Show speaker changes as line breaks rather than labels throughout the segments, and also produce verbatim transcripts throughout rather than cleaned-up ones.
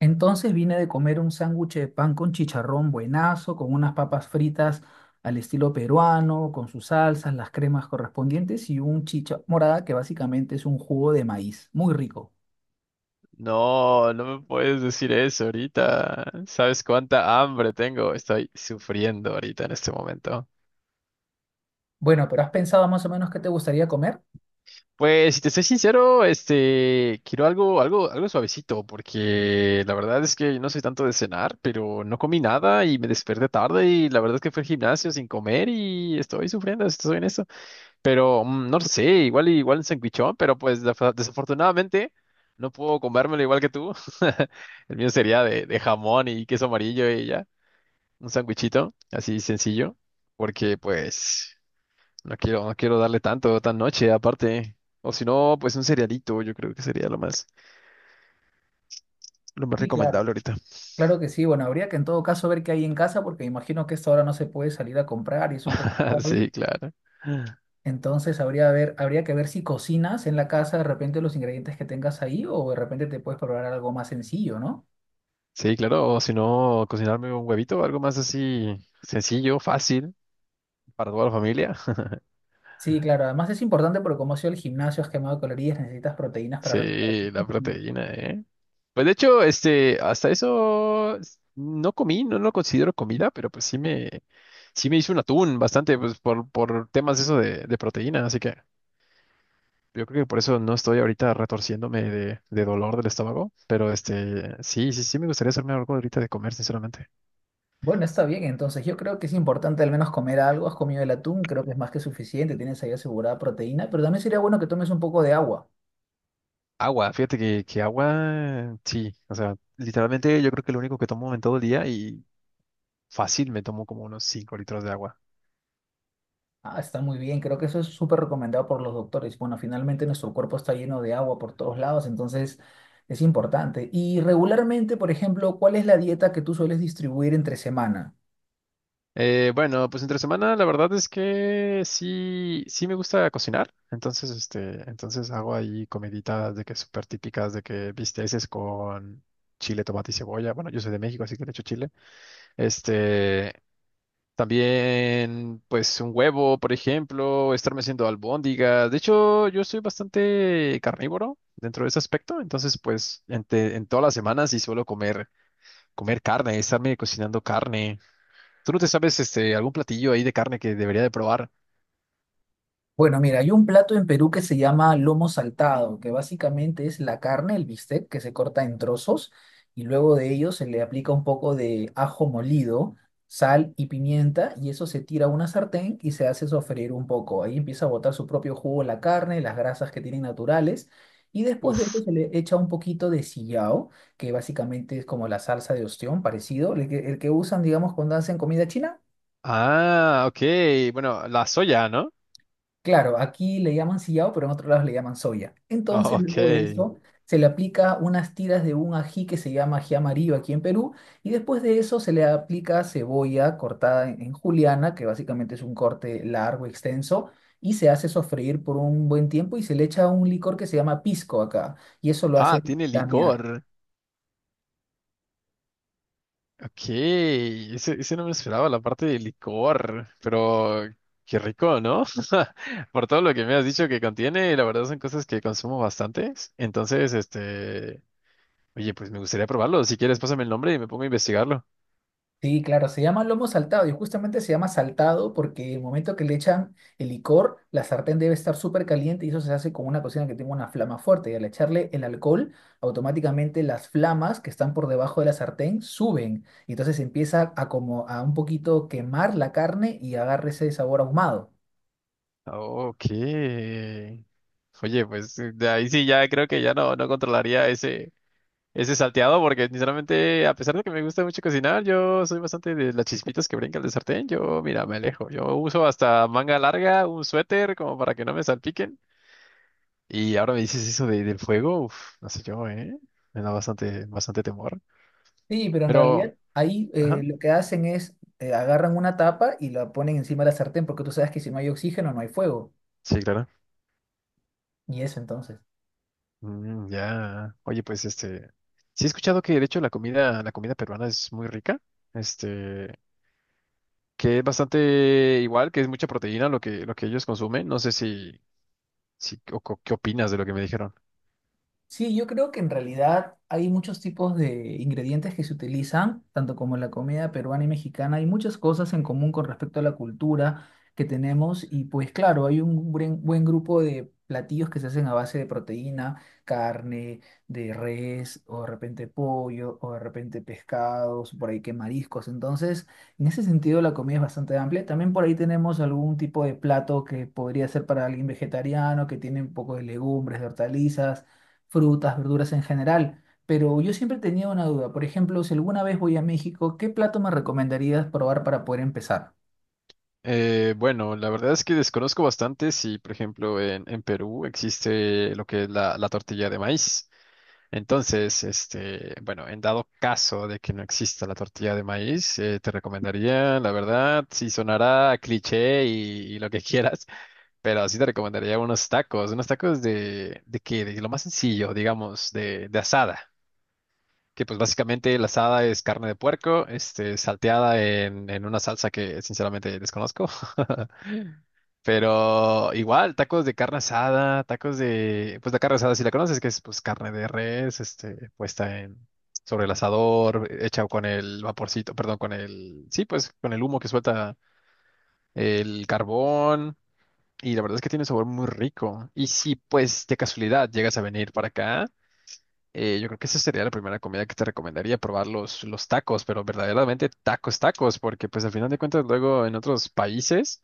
Entonces vine de comer un sándwich de pan con chicharrón buenazo, con unas papas fritas al estilo peruano, con sus salsas, las cremas correspondientes y un chicha morada que básicamente es un jugo de maíz, muy rico.
No, no me puedes decir eso ahorita. ¿Sabes cuánta hambre tengo? Estoy sufriendo ahorita en este momento.
Bueno, pero ¿has pensado más o menos qué te gustaría comer?
Pues, si te soy sincero, este, quiero algo, algo, algo suavecito, porque la verdad es que no soy tanto de cenar, pero no comí nada y me desperté tarde y la verdad es que fui al gimnasio sin comer y estoy sufriendo, estoy en eso. Pero mm, no lo sé, igual, igual un sandwichón, pero pues defa- desafortunadamente no puedo comérmelo igual que tú. El mío sería de, de jamón y queso amarillo y ya. Un sandwichito, así sencillo, porque pues no quiero, no quiero darle tanto, tan noche aparte. O si no, pues un cerealito, yo creo que sería lo más, lo más
Sí, claro.
recomendable ahorita.
Claro que sí, bueno, habría que en todo caso ver qué hay en casa porque imagino que a esta hora no se puede salir a comprar y es un poco tarde.
Sí, claro.
Entonces habría, ver, habría que ver si cocinas en la casa de repente los ingredientes que tengas ahí o de repente te puedes probar algo más sencillo, ¿no?
Sí, claro, o si no, cocinarme un huevito, algo más así sencillo, fácil para toda la familia.
Sí, claro. Además es importante porque como ha sido el gimnasio, has quemado calorías, necesitas proteínas para recuperar tus
Sí, la
músculos.
proteína, ¿eh? Pues de hecho, este, hasta eso s- no comí, no lo considero comida, pero pues sí me, sí me hice un atún bastante, pues por, por temas eso de, de proteína, así que yo creo que por eso no estoy ahorita retorciéndome de, de dolor del estómago, pero este, sí, sí, sí me gustaría hacerme algo ahorita de comer, sinceramente.
Bueno, está bien. Entonces yo creo que es importante al menos comer algo. Has comido el atún, creo que es más que suficiente. Tienes ahí asegurada proteína, pero también sería bueno que tomes un poco de agua.
Agua, fíjate que, que agua, sí, o sea, literalmente yo creo que lo único que tomo en todo el día y fácil me tomo como unos cinco litros de agua.
Ah, está muy bien. Creo que eso es súper recomendado por los doctores. Bueno, finalmente nuestro cuerpo está lleno de agua por todos lados, entonces es importante. Y regularmente, por ejemplo, ¿cuál es la dieta que tú sueles distribuir entre semana?
Eh, bueno, pues entre semana la verdad es que sí, sí me gusta cocinar, entonces este, entonces hago ahí comiditas de que súper típicas, de que bisteces con chile, tomate y cebolla. Bueno, yo soy de México, así que le echo chile. Este, también pues un huevo, por ejemplo, estarme haciendo albóndigas. De hecho, yo soy bastante carnívoro dentro de ese aspecto, entonces pues en, en todas las semanas sí suelo comer comer carne, estarme cocinando carne. ¿Tú no te sabes este algún platillo ahí de carne que debería de probar?
Bueno, mira, hay un plato en Perú que se llama lomo saltado, que básicamente es la carne, el bistec, que se corta en trozos y luego de ello se le aplica un poco de ajo molido, sal y pimienta y eso se tira a una sartén y se hace sofreír un poco. Ahí empieza a botar su propio jugo la carne, las grasas que tienen naturales y después de eso
Uf.
se le echa un poquito de sillao, que básicamente es como la salsa de ostión, parecido, el que, el que usan, digamos, cuando hacen comida china.
Ah, ok. Bueno, la soya, ¿no?
Claro, aquí le llaman sillao, pero en otros lados le llaman soya.
Oh,
Entonces,
ok.
luego de eso, se le aplica unas tiras de un ají que se llama ají amarillo aquí en Perú, y después de eso se le aplica cebolla cortada en, en juliana, que básicamente es un corte largo, extenso, y se hace sofreír por un buen tiempo y se le echa un licor que se llama pisco acá, y eso lo
Ah,
hace
tiene
flamear.
licor. Ok. Ese, ese no me esperaba, la parte de licor. Pero qué rico, ¿no? Por todo lo que me has dicho que contiene, la verdad son cosas que consumo bastantes. Entonces, este, oye, pues me gustaría probarlo. Si quieres, pásame el nombre y me pongo a investigarlo.
Sí, claro, se llama lomo saltado y justamente se llama saltado porque el momento que le echan el licor, la sartén debe estar súper caliente y eso se hace con una cocina que tenga una flama fuerte y al echarle el alcohol, automáticamente las flamas que están por debajo de la sartén suben y entonces empieza a como a un poquito quemar la carne y agarra ese sabor ahumado.
Ok. Oye, pues eh, de ahí sí ya creo que ya no, no controlaría ese, ese salteado, porque sinceramente, a pesar de que me gusta mucho cocinar, yo soy bastante de las chispitas que brincan del sartén. Yo, mira, me alejo. Yo uso hasta manga larga, un suéter, como para que no me salpiquen. Y ahora me dices eso de, del fuego, uf, no sé yo, ¿eh? Me da bastante, bastante temor.
Sí, pero en
Pero,
realidad ahí eh,
ajá,
lo que hacen es eh, agarran una tapa y la ponen encima de la sartén porque tú sabes que si no hay oxígeno no hay fuego
sí, claro.
y eso entonces.
Mm, ya. Oye, pues este. Sí he escuchado que de hecho la comida, la comida peruana es muy rica. Este, que es bastante igual, que es mucha proteína lo que, lo que ellos consumen. No sé si, si o co- qué opinas de lo que me dijeron.
Sí, yo creo que en realidad hay muchos tipos de ingredientes que se utilizan, tanto como en la comida peruana y mexicana. Hay muchas cosas en común con respecto a la cultura que tenemos y pues claro, hay un buen, buen grupo de platillos que se hacen a base de proteína, carne, de res o de repente pollo o de repente pescados, por ahí que mariscos. Entonces, en ese sentido la comida es bastante amplia. También por ahí tenemos algún tipo de plato que podría ser para alguien vegetariano, que tiene un poco de legumbres, de hortalizas frutas, verduras en general. Pero yo siempre tenía una duda. Por ejemplo, si alguna vez voy a México, ¿qué plato me recomendarías probar para poder empezar?
Eh, bueno, la verdad es que desconozco bastante si, por ejemplo, en, en Perú existe lo que es la, la tortilla de maíz. Entonces, este, bueno, en dado caso de que no exista la tortilla de maíz, eh, te recomendaría, la verdad, si sonará a cliché y, y lo que quieras. Pero sí te recomendaría unos tacos, unos tacos de, de qué, de lo más sencillo, digamos, de, de asada, que pues básicamente la asada es carne de puerco, este, salteada en, en una salsa que sinceramente desconozco, pero igual, tacos de carne asada, tacos de, pues la carne asada si la conoces, que es pues carne de res, este, puesta en, sobre el asador, hecha con el vaporcito, perdón, con el, sí, pues con el humo que suelta el carbón y la verdad es que tiene un sabor muy rico. Y si pues de casualidad llegas a venir para acá, eh, yo creo que esa sería la primera comida que te recomendaría, probar los, los tacos, pero verdaderamente tacos, tacos, porque pues al final de cuentas luego en otros países,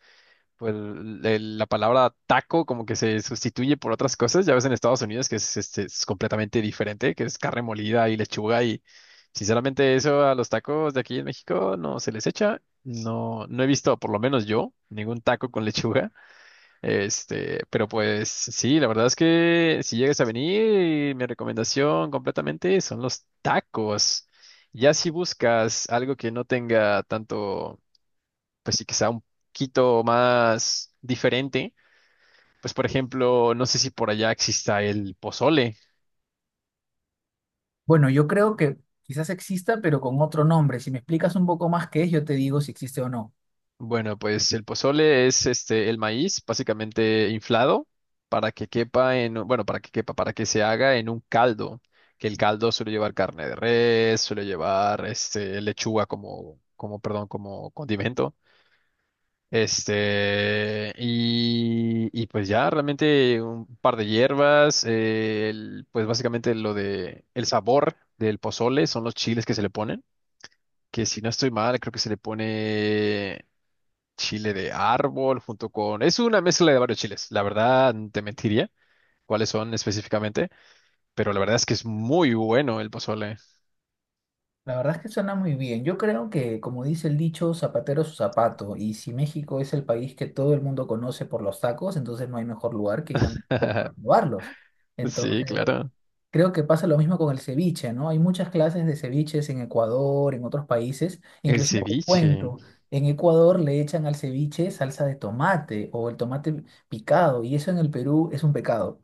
pues el- el- la palabra taco como que se sustituye por otras cosas. Ya ves en Estados Unidos que es, este, es completamente diferente, que es carne molida y lechuga y sinceramente eso a los tacos de aquí en México no se les echa. No, no he visto, por lo menos yo, ningún taco con lechuga. Este, pero pues sí, la verdad es que si llegas a venir, mi recomendación completamente son los tacos. Ya si buscas algo que no tenga tanto, pues sí que sea un poquito más diferente, pues por ejemplo, no sé si por allá exista el pozole.
Bueno, yo creo que quizás exista, pero con otro nombre. Si me explicas un poco más qué es, yo te digo si existe o no.
Bueno, pues el pozole es este el maíz básicamente inflado para que quepa en, un- bueno, para que quepa, para que se haga en un caldo, que el caldo suele llevar carne de res, suele llevar este lechuga como como perdón, como condimento. Este y, y pues ya realmente un par de hierbas, eh, el- pues básicamente lo de el sabor del pozole son los chiles que se le ponen, que si no estoy mal, creo que se le pone chile de árbol junto con... Es una mezcla de varios chiles. La verdad, te mentiría cuáles son específicamente, pero la verdad es que es muy bueno el pozole.
La verdad es que suena muy bien. Yo creo que, como dice el dicho, zapatero a su zapato. Y si México es el país que todo el mundo conoce por los tacos, entonces no hay mejor lugar que ir a México para probarlos.
Sí,
Entonces,
claro.
creo que pasa lo mismo con el ceviche, ¿no? Hay muchas clases de ceviches en Ecuador, en otros países.
El
Inclusive te
ceviche.
cuento, en Ecuador le echan al ceviche salsa de tomate o el tomate picado y eso en el Perú es un pecado.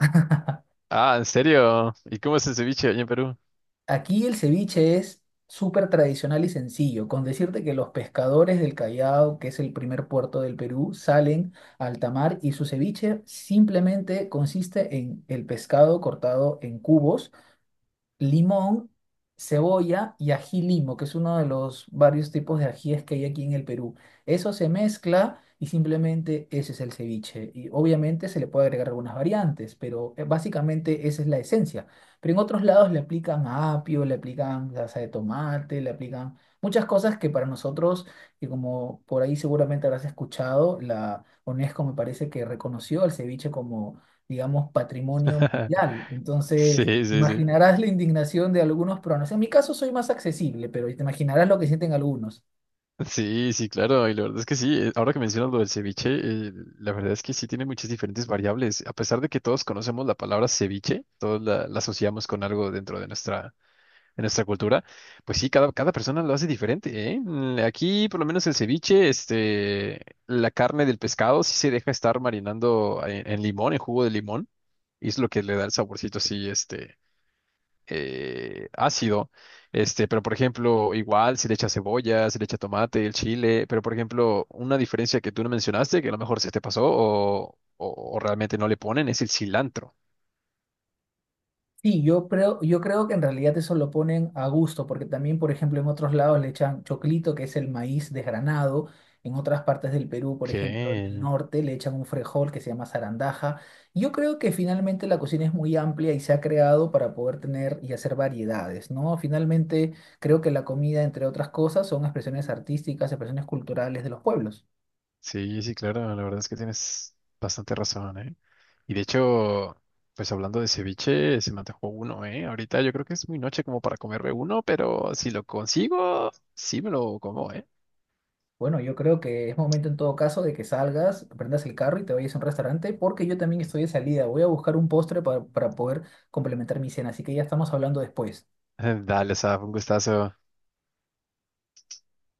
Ah, ¿en serio? ¿Y cómo es el ceviche allá en Perú?
Aquí el ceviche es súper tradicional y sencillo, con decirte que los pescadores del Callao, que es el primer puerto del Perú, salen al alta mar y su ceviche simplemente consiste en el pescado cortado en cubos limón, cebolla y ají limo, que es uno de los varios tipos de ajíes que hay aquí en el Perú. Eso se mezcla y simplemente ese es el ceviche. Y obviamente se le puede agregar algunas variantes, pero eh, básicamente esa es la esencia. Pero en otros lados le aplican apio, le aplican salsa de tomate, le aplican muchas cosas que para nosotros, que como por ahí seguramente habrás escuchado, la UNESCO me parece que reconoció el ceviche como, digamos, patrimonio mundial. Entonces,
Sí, sí, sí.
imaginarás la indignación de algunos pronos. En mi caso soy más accesible, pero te imaginarás lo que sienten algunos.
Sí, sí, claro. Y la verdad es que sí. eh, Ahora que mencionas lo del ceviche, eh, la verdad es que sí tiene muchas diferentes variables. A pesar de que todos conocemos la palabra ceviche, todos la, la asociamos con algo dentro de nuestra en nuestra cultura, pues sí, cada, cada persona lo hace diferente, ¿eh? Mm, Aquí, por lo menos el ceviche, este, la carne del pescado sí se deja estar marinando en, en limón, en jugo de limón, y es lo que le da el saborcito así, este, eh, ácido, este, pero por ejemplo, igual se le echa cebolla, se le echa tomate, el chile, pero por ejemplo, una diferencia que tú no mencionaste, que a lo mejor se te pasó o, o o realmente no le ponen, es el cilantro.
Sí, yo creo, yo creo que en realidad eso lo ponen a gusto, porque también, por ejemplo, en otros lados le echan choclito, que es el maíz desgranado. En otras partes del Perú, por
Ok.
ejemplo, en el norte, le echan un frejol que se llama zarandaja. Yo creo que finalmente la cocina es muy amplia y se ha creado para poder tener y hacer variedades, ¿no? Finalmente, creo que la comida, entre otras cosas, son expresiones artísticas, expresiones culturales de los pueblos.
Sí, sí, claro, la verdad es que tienes bastante razón, ¿eh? Y de hecho, pues hablando de ceviche, se me antojó uno, ¿eh? Ahorita yo creo que es muy noche como para comerme uno, pero si lo consigo, sí me lo como, ¿eh?
Bueno, yo creo que es momento en todo caso de que salgas, prendas el carro y te vayas a un restaurante, porque yo también estoy de salida. Voy a buscar un postre pa- para poder complementar mi cena, así que ya estamos hablando después.
Dale, Saf, un gustazo.